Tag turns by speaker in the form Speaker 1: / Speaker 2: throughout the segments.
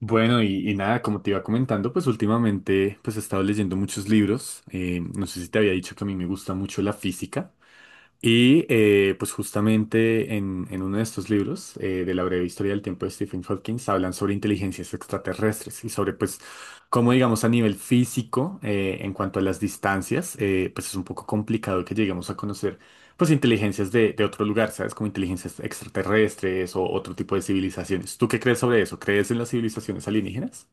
Speaker 1: Bueno, y nada, como te iba comentando, pues últimamente pues he estado leyendo muchos libros. No sé si te había dicho que a mí me gusta mucho la física. Y pues justamente en uno de estos libros de la breve historia del tiempo de Stephen Hawking hablan sobre inteligencias extraterrestres y sobre pues cómo digamos a nivel físico, en cuanto a las distancias, pues es un poco complicado que lleguemos a conocer pues inteligencias de otro lugar, ¿sabes? Como inteligencias extraterrestres o otro tipo de civilizaciones. ¿Tú qué crees sobre eso? ¿Crees en las civilizaciones alienígenas?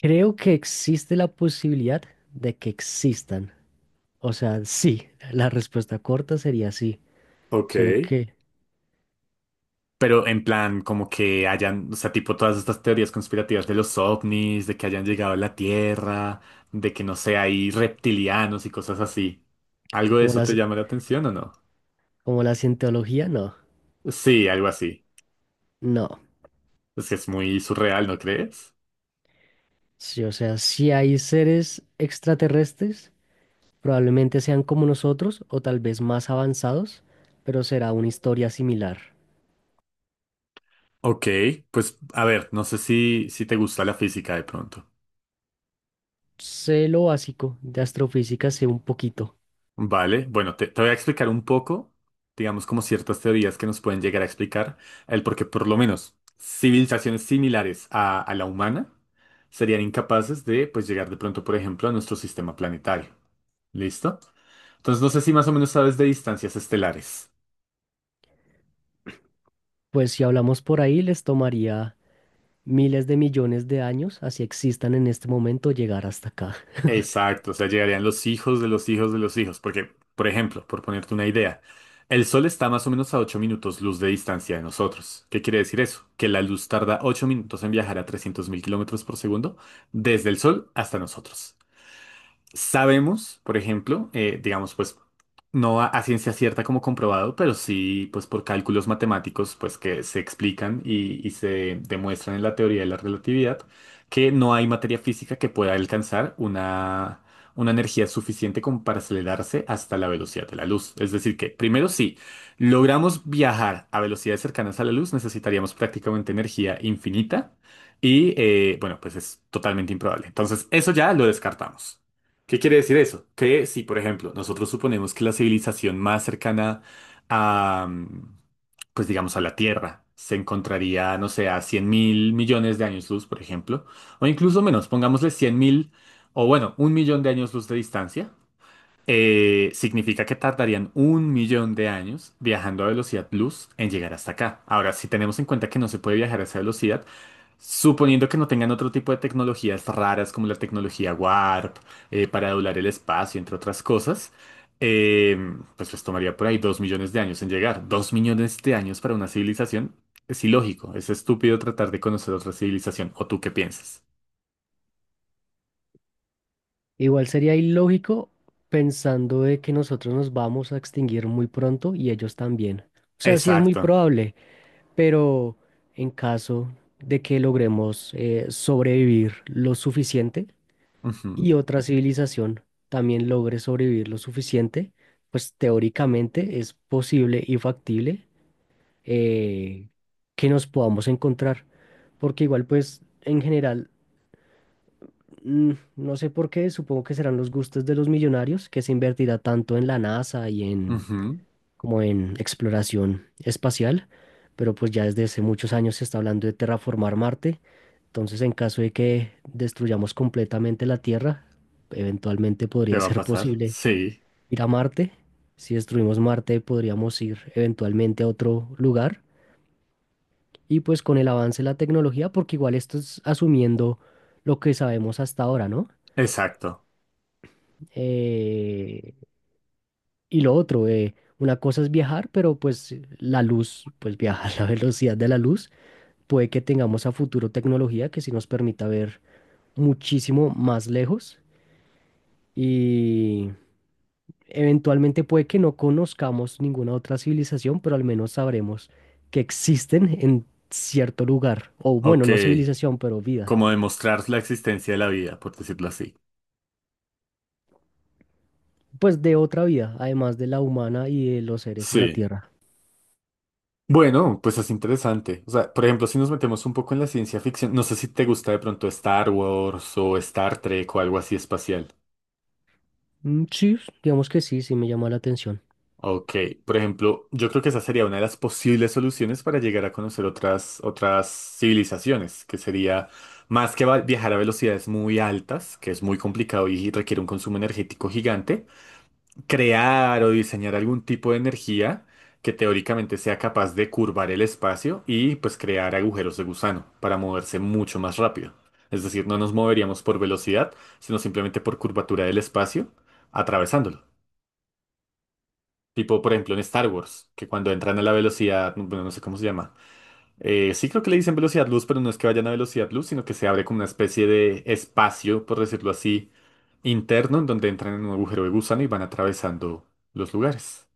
Speaker 2: Creo que existe la posibilidad de que existan. O sea, sí, la respuesta corta sería sí.
Speaker 1: Ok.
Speaker 2: Solo que,
Speaker 1: Pero en plan, como que hayan, o sea, tipo todas estas teorías conspirativas de los ovnis, de que hayan llegado a la Tierra, de que no sé, hay reptilianos y cosas así. ¿Algo de
Speaker 2: como
Speaker 1: eso
Speaker 2: la,
Speaker 1: te
Speaker 2: ci-
Speaker 1: llama la atención o no?
Speaker 2: como la cientología, no.
Speaker 1: Sí, algo así.
Speaker 2: No.
Speaker 1: Es que es muy surreal, ¿no crees?
Speaker 2: Sí, o sea, si hay seres extraterrestres, probablemente sean como nosotros o tal vez más avanzados, pero será una historia similar.
Speaker 1: Ok, pues a ver, no sé si te gusta la física de pronto.
Speaker 2: Sé lo básico de astrofísica, sé un poquito.
Speaker 1: Vale, bueno, te voy a explicar un poco, digamos, como ciertas teorías que nos pueden llegar a explicar el por qué, por lo menos, civilizaciones similares a la humana serían incapaces de, pues, llegar de pronto, por ejemplo, a nuestro sistema planetario. ¿Listo? Entonces, no sé si más o menos sabes de distancias estelares.
Speaker 2: Pues si hablamos por ahí, les tomaría miles de millones de años, así existan en este momento, llegar hasta acá.
Speaker 1: Exacto, o sea, llegarían los hijos de los hijos de los hijos, porque, por ejemplo, por ponerte una idea, el Sol está más o menos a 8 minutos luz de distancia de nosotros. ¿Qué quiere decir eso? Que la luz tarda 8 minutos en viajar a 300.000 kilómetros por segundo desde el Sol hasta nosotros. Sabemos, por ejemplo, digamos, pues no a ciencia cierta como comprobado, pero sí, pues por cálculos matemáticos, pues que se explican y se demuestran en la teoría de la relatividad, que no hay materia física que pueda alcanzar una energía suficiente como para acelerarse hasta la velocidad de la luz. Es decir, que primero si logramos viajar a velocidades cercanas a la luz, necesitaríamos prácticamente energía infinita y, bueno, pues es totalmente improbable. Entonces, eso ya lo descartamos. ¿Qué quiere decir eso? Que si, por ejemplo, nosotros suponemos que la civilización más cercana a, pues digamos, a la Tierra se encontraría, no sé, a 100.000 millones de años luz, por ejemplo, o incluso menos, pongámosle 100.000, o bueno, 1 millón de años luz de distancia, significa que tardarían 1 millón de años viajando a velocidad luz en llegar hasta acá. Ahora, si tenemos en cuenta que no se puede viajar a esa velocidad, suponiendo que no tengan otro tipo de tecnologías raras como la tecnología Warp, para doblar el espacio, entre otras cosas, eh, pues les tomaría por ahí 2 millones de años en llegar. 2 millones de años para una civilización es ilógico, es estúpido tratar de conocer otra civilización. ¿O tú qué piensas?
Speaker 2: Igual sería ilógico pensando de que nosotros nos vamos a extinguir muy pronto y ellos también. O sea, sí es muy
Speaker 1: Exacto.
Speaker 2: probable, pero en caso de que logremos sobrevivir lo suficiente
Speaker 1: Ujú,
Speaker 2: y otra civilización también logre sobrevivir lo suficiente, pues teóricamente es posible y factible eh, que nos podamos encontrar. Porque igual pues en general mm, no sé por qué, supongo que serán los gustos de los millonarios, que se invertirá tanto en la NASA y en
Speaker 1: ujú.
Speaker 2: como en exploración espacial, pero pues ya desde hace muchos años se está hablando de terraformar Marte, entonces en caso de que destruyamos completamente la Tierra, eventualmente
Speaker 1: ¿Qué
Speaker 2: podría
Speaker 1: va a
Speaker 2: ser
Speaker 1: pasar?
Speaker 2: posible
Speaker 1: Sí,
Speaker 2: ir a Marte. Si destruimos Marte, podríamos ir eventualmente a otro lugar. Y pues con el avance de la tecnología, porque igual esto es asumiendo lo que sabemos hasta ahora, ¿no?
Speaker 1: exacto.
Speaker 2: Eh, y lo otro, una cosa es viajar, pero pues la luz, pues viaja a la velocidad de la luz. Puede que tengamos a futuro tecnología que sí nos permita ver muchísimo más lejos y eventualmente puede que no conozcamos ninguna otra civilización, pero al menos sabremos que existen en cierto lugar, o bueno,
Speaker 1: Ok,
Speaker 2: no civilización, pero vida,
Speaker 1: como demostrar la existencia de la vida, por decirlo así.
Speaker 2: pues de otra vida, además de la humana y de los seres en la
Speaker 1: Sí.
Speaker 2: Tierra.
Speaker 1: Bueno, pues es interesante. O sea, por ejemplo, si nos metemos un poco en la ciencia ficción, no sé si te gusta de pronto Star Wars o Star Trek o algo así espacial.
Speaker 2: Mm, sí, digamos que sí, sí me llama la atención.
Speaker 1: Ok, por ejemplo, yo creo que esa sería una de las posibles soluciones para llegar a conocer otras civilizaciones, que sería más que viajar a velocidades muy altas, que es muy complicado y requiere un consumo energético gigante, crear o diseñar algún tipo de energía que teóricamente sea capaz de curvar el espacio y pues crear agujeros de gusano para moverse mucho más rápido. Es decir, no nos moveríamos por velocidad, sino simplemente por curvatura del espacio, atravesándolo. Tipo, por ejemplo, en Star Wars, que cuando entran a la velocidad, bueno, no sé cómo se llama. Sí creo que le dicen velocidad luz, pero no es que vayan a velocidad luz, sino que se abre como una especie de espacio, por decirlo así, interno, en donde entran en un agujero de gusano y van atravesando los lugares.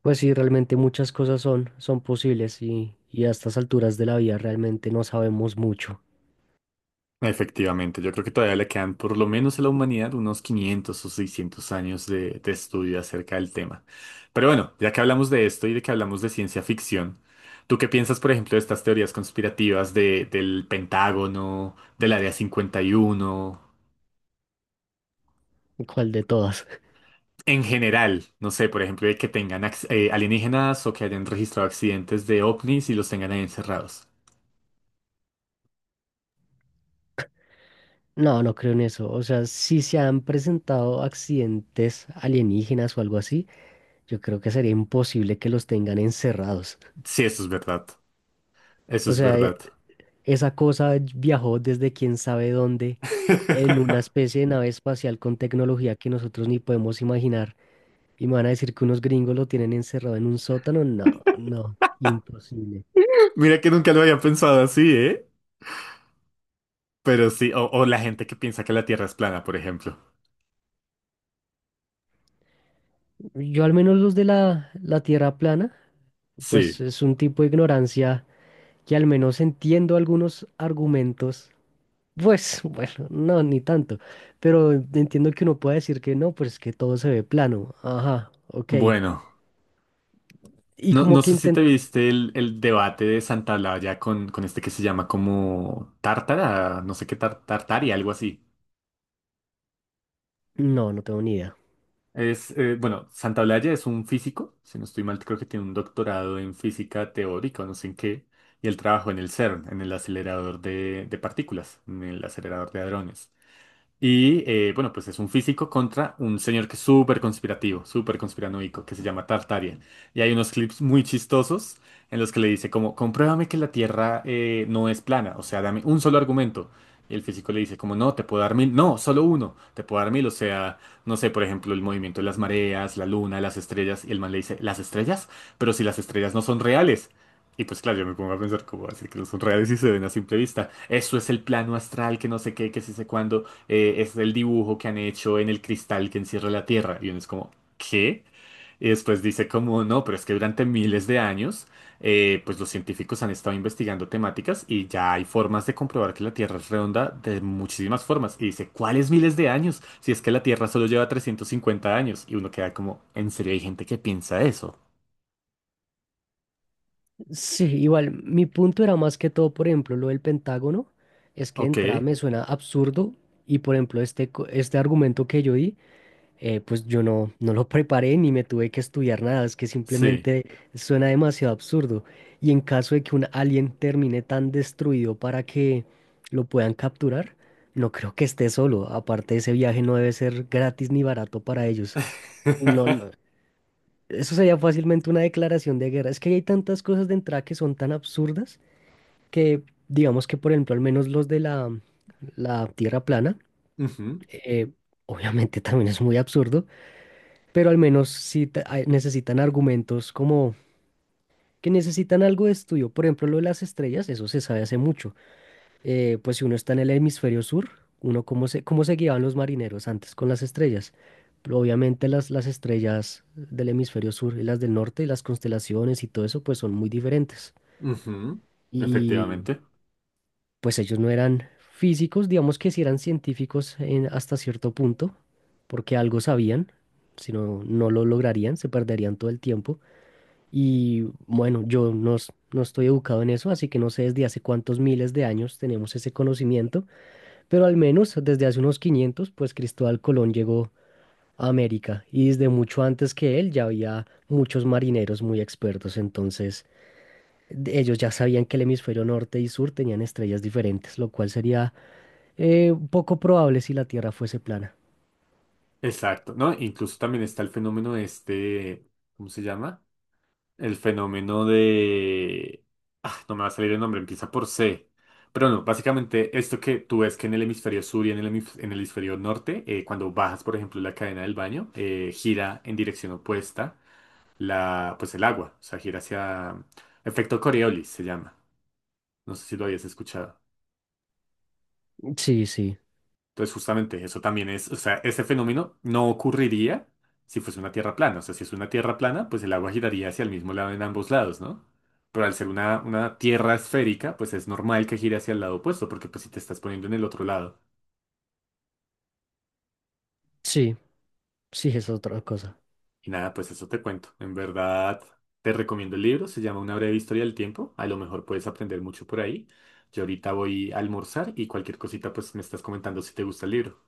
Speaker 2: Pues sí, realmente muchas cosas son, son posibles y a estas alturas de la vida realmente no sabemos mucho.
Speaker 1: Efectivamente, yo creo que todavía le quedan por lo menos a la humanidad unos 500 o 600 años de estudio acerca del tema. Pero bueno, ya que hablamos de esto y de que hablamos de ciencia ficción, ¿tú qué piensas, por ejemplo, de estas teorías conspirativas del Pentágono, del Área 51
Speaker 2: ¿Cuál de todas?
Speaker 1: en general? No sé, por ejemplo, de que tengan alienígenas o que hayan registrado accidentes de ovnis y los tengan ahí encerrados.
Speaker 2: No, no creo en eso. O sea, si se han presentado accidentes alienígenas o algo así, yo creo que sería imposible que los tengan encerrados.
Speaker 1: Sí, eso es verdad. Eso
Speaker 2: O
Speaker 1: es
Speaker 2: sea, e-
Speaker 1: verdad.
Speaker 2: Esa cosa viajó desde quién sabe dónde en una especie de nave espacial con tecnología que nosotros ni podemos imaginar. Y me van a decir que unos gringos lo tienen encerrado en un sótano. No, no, imposible.
Speaker 1: Mira que nunca lo había pensado así, ¿eh? Pero sí, o la gente que piensa que la Tierra es plana, por ejemplo.
Speaker 2: Yo al menos los de la tierra plana, pues
Speaker 1: Sí,
Speaker 2: es un tipo de ignorancia que al menos entiendo algunos argumentos. Pues bueno, no, ni tanto. Pero entiendo que uno puede decir que no, pues es que todo se ve plano. Ajá, ok.
Speaker 1: bueno.
Speaker 2: Y
Speaker 1: No,
Speaker 2: como
Speaker 1: no
Speaker 2: que
Speaker 1: sé si
Speaker 2: intent.
Speaker 1: te viste el debate de Santa Blaya con este que se llama como Tártara, no sé qué tar, Tartari, algo así.
Speaker 2: No, no tengo ni idea.
Speaker 1: Bueno, Santaolalla es un físico, si no estoy mal, creo que tiene un doctorado en física teórica o no sé en qué, y él trabajó en el CERN, en el acelerador de partículas, en el acelerador de hadrones. Y bueno, pues es un físico contra un señor que es súper conspirativo, súper conspiranoico, que se llama Tartaria. Y hay unos clips muy chistosos en los que le dice como, compruébame que la Tierra no es plana, o sea, dame un solo argumento. Y el físico le dice como, no, te puedo dar mil, no, solo uno, te puedo dar mil, o sea, no sé, por ejemplo, el movimiento de las mareas, la luna, las estrellas. Y el man le dice, ¿las estrellas? Pero si las estrellas no son reales. Y pues claro, yo me pongo a pensar como así que no son reales y se ven a simple vista. Eso es el plano astral, que no sé qué, que sí sé cuándo es el dibujo que han hecho en el cristal que encierra la Tierra. Y uno es como, ¿qué? Y después dice como, no, pero es que durante miles de años, pues los científicos han estado investigando temáticas y ya hay formas de comprobar que la Tierra es redonda de muchísimas formas. Y dice, ¿cuáles miles de años? Si es que la Tierra solo lleva 350 años. Y uno queda como, ¿en serio hay gente que piensa eso?
Speaker 2: Sí, igual, mi punto era más que todo, por ejemplo, lo del Pentágono, es que de
Speaker 1: Ok,
Speaker 2: entrada me suena absurdo y, por ejemplo, este argumento que yo di, pues yo no, no lo preparé ni me tuve que estudiar nada, es que
Speaker 1: sí.
Speaker 2: simplemente suena demasiado absurdo. Y en caso de que un alien termine tan destruido para que lo puedan capturar, no creo que esté solo. Aparte, ese viaje no debe ser gratis ni barato para ellos. No, no, eso sería fácilmente una declaración de guerra. Es que hay tantas cosas de entrada que son tan absurdas que, digamos que, por ejemplo, al menos los de la Tierra plana,
Speaker 1: Ujú,
Speaker 2: eh, obviamente también es muy absurdo, pero al menos sí necesitan argumentos, como que necesitan algo de estudio. Por ejemplo, lo de las estrellas, eso se sabe hace mucho. Pues si uno está en el hemisferio sur, uno cómo se guiaban los marineros antes con las estrellas. Pero obviamente las estrellas del hemisferio sur y las del norte y las constelaciones y todo eso pues son muy diferentes.
Speaker 1: ujú,
Speaker 2: Y
Speaker 1: efectivamente.
Speaker 2: pues ellos no eran físicos, digamos que sí eran científicos hasta cierto punto, porque algo sabían, si no, no lo lograrían, se perderían todo el tiempo. Y bueno, yo no, no estoy educado en eso, así que no sé desde hace cuántos miles de años tenemos ese conocimiento, pero al menos desde hace unos 500 pues Cristóbal Colón llegó a América y desde mucho antes que él ya había muchos marineros muy expertos, entonces ellos ya sabían que el hemisferio norte y sur tenían estrellas diferentes, lo cual sería poco probable si la Tierra fuese plana.
Speaker 1: Exacto, ¿no? Incluso también está el fenómeno de este, ¿cómo se llama? El fenómeno de... Ah, no me va a salir el nombre, empieza por C. Pero no, básicamente esto que tú ves que en el hemisferio sur y en el, en el hemisferio norte, cuando bajas, por ejemplo, la cadena del baño, gira en dirección opuesta la, pues el agua, o sea, gira hacia... Efecto Coriolis se llama. No sé si lo habías escuchado.
Speaker 2: Sí, sí,
Speaker 1: Entonces, justamente eso también es, o sea, ese fenómeno no ocurriría si fuese una tierra plana. O sea, si es una tierra plana, pues el agua giraría hacia el mismo lado en ambos lados, ¿no? Pero al ser una tierra esférica, pues es normal que gire hacia el lado opuesto, porque pues si te estás poniendo en el otro lado.
Speaker 2: sí, sí, es otra cosa.
Speaker 1: Y nada, pues eso te cuento. En verdad, te recomiendo el libro, se llama Una breve historia del tiempo. A lo mejor puedes aprender mucho por ahí. Yo ahorita voy a almorzar y cualquier cosita, pues me estás comentando si te gusta el libro.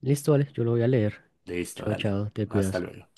Speaker 2: Listo, vale, yo lo voy a leer.
Speaker 1: Listo,
Speaker 2: Chao,
Speaker 1: dale.
Speaker 2: chao, te
Speaker 1: Hasta
Speaker 2: cuidas.
Speaker 1: luego.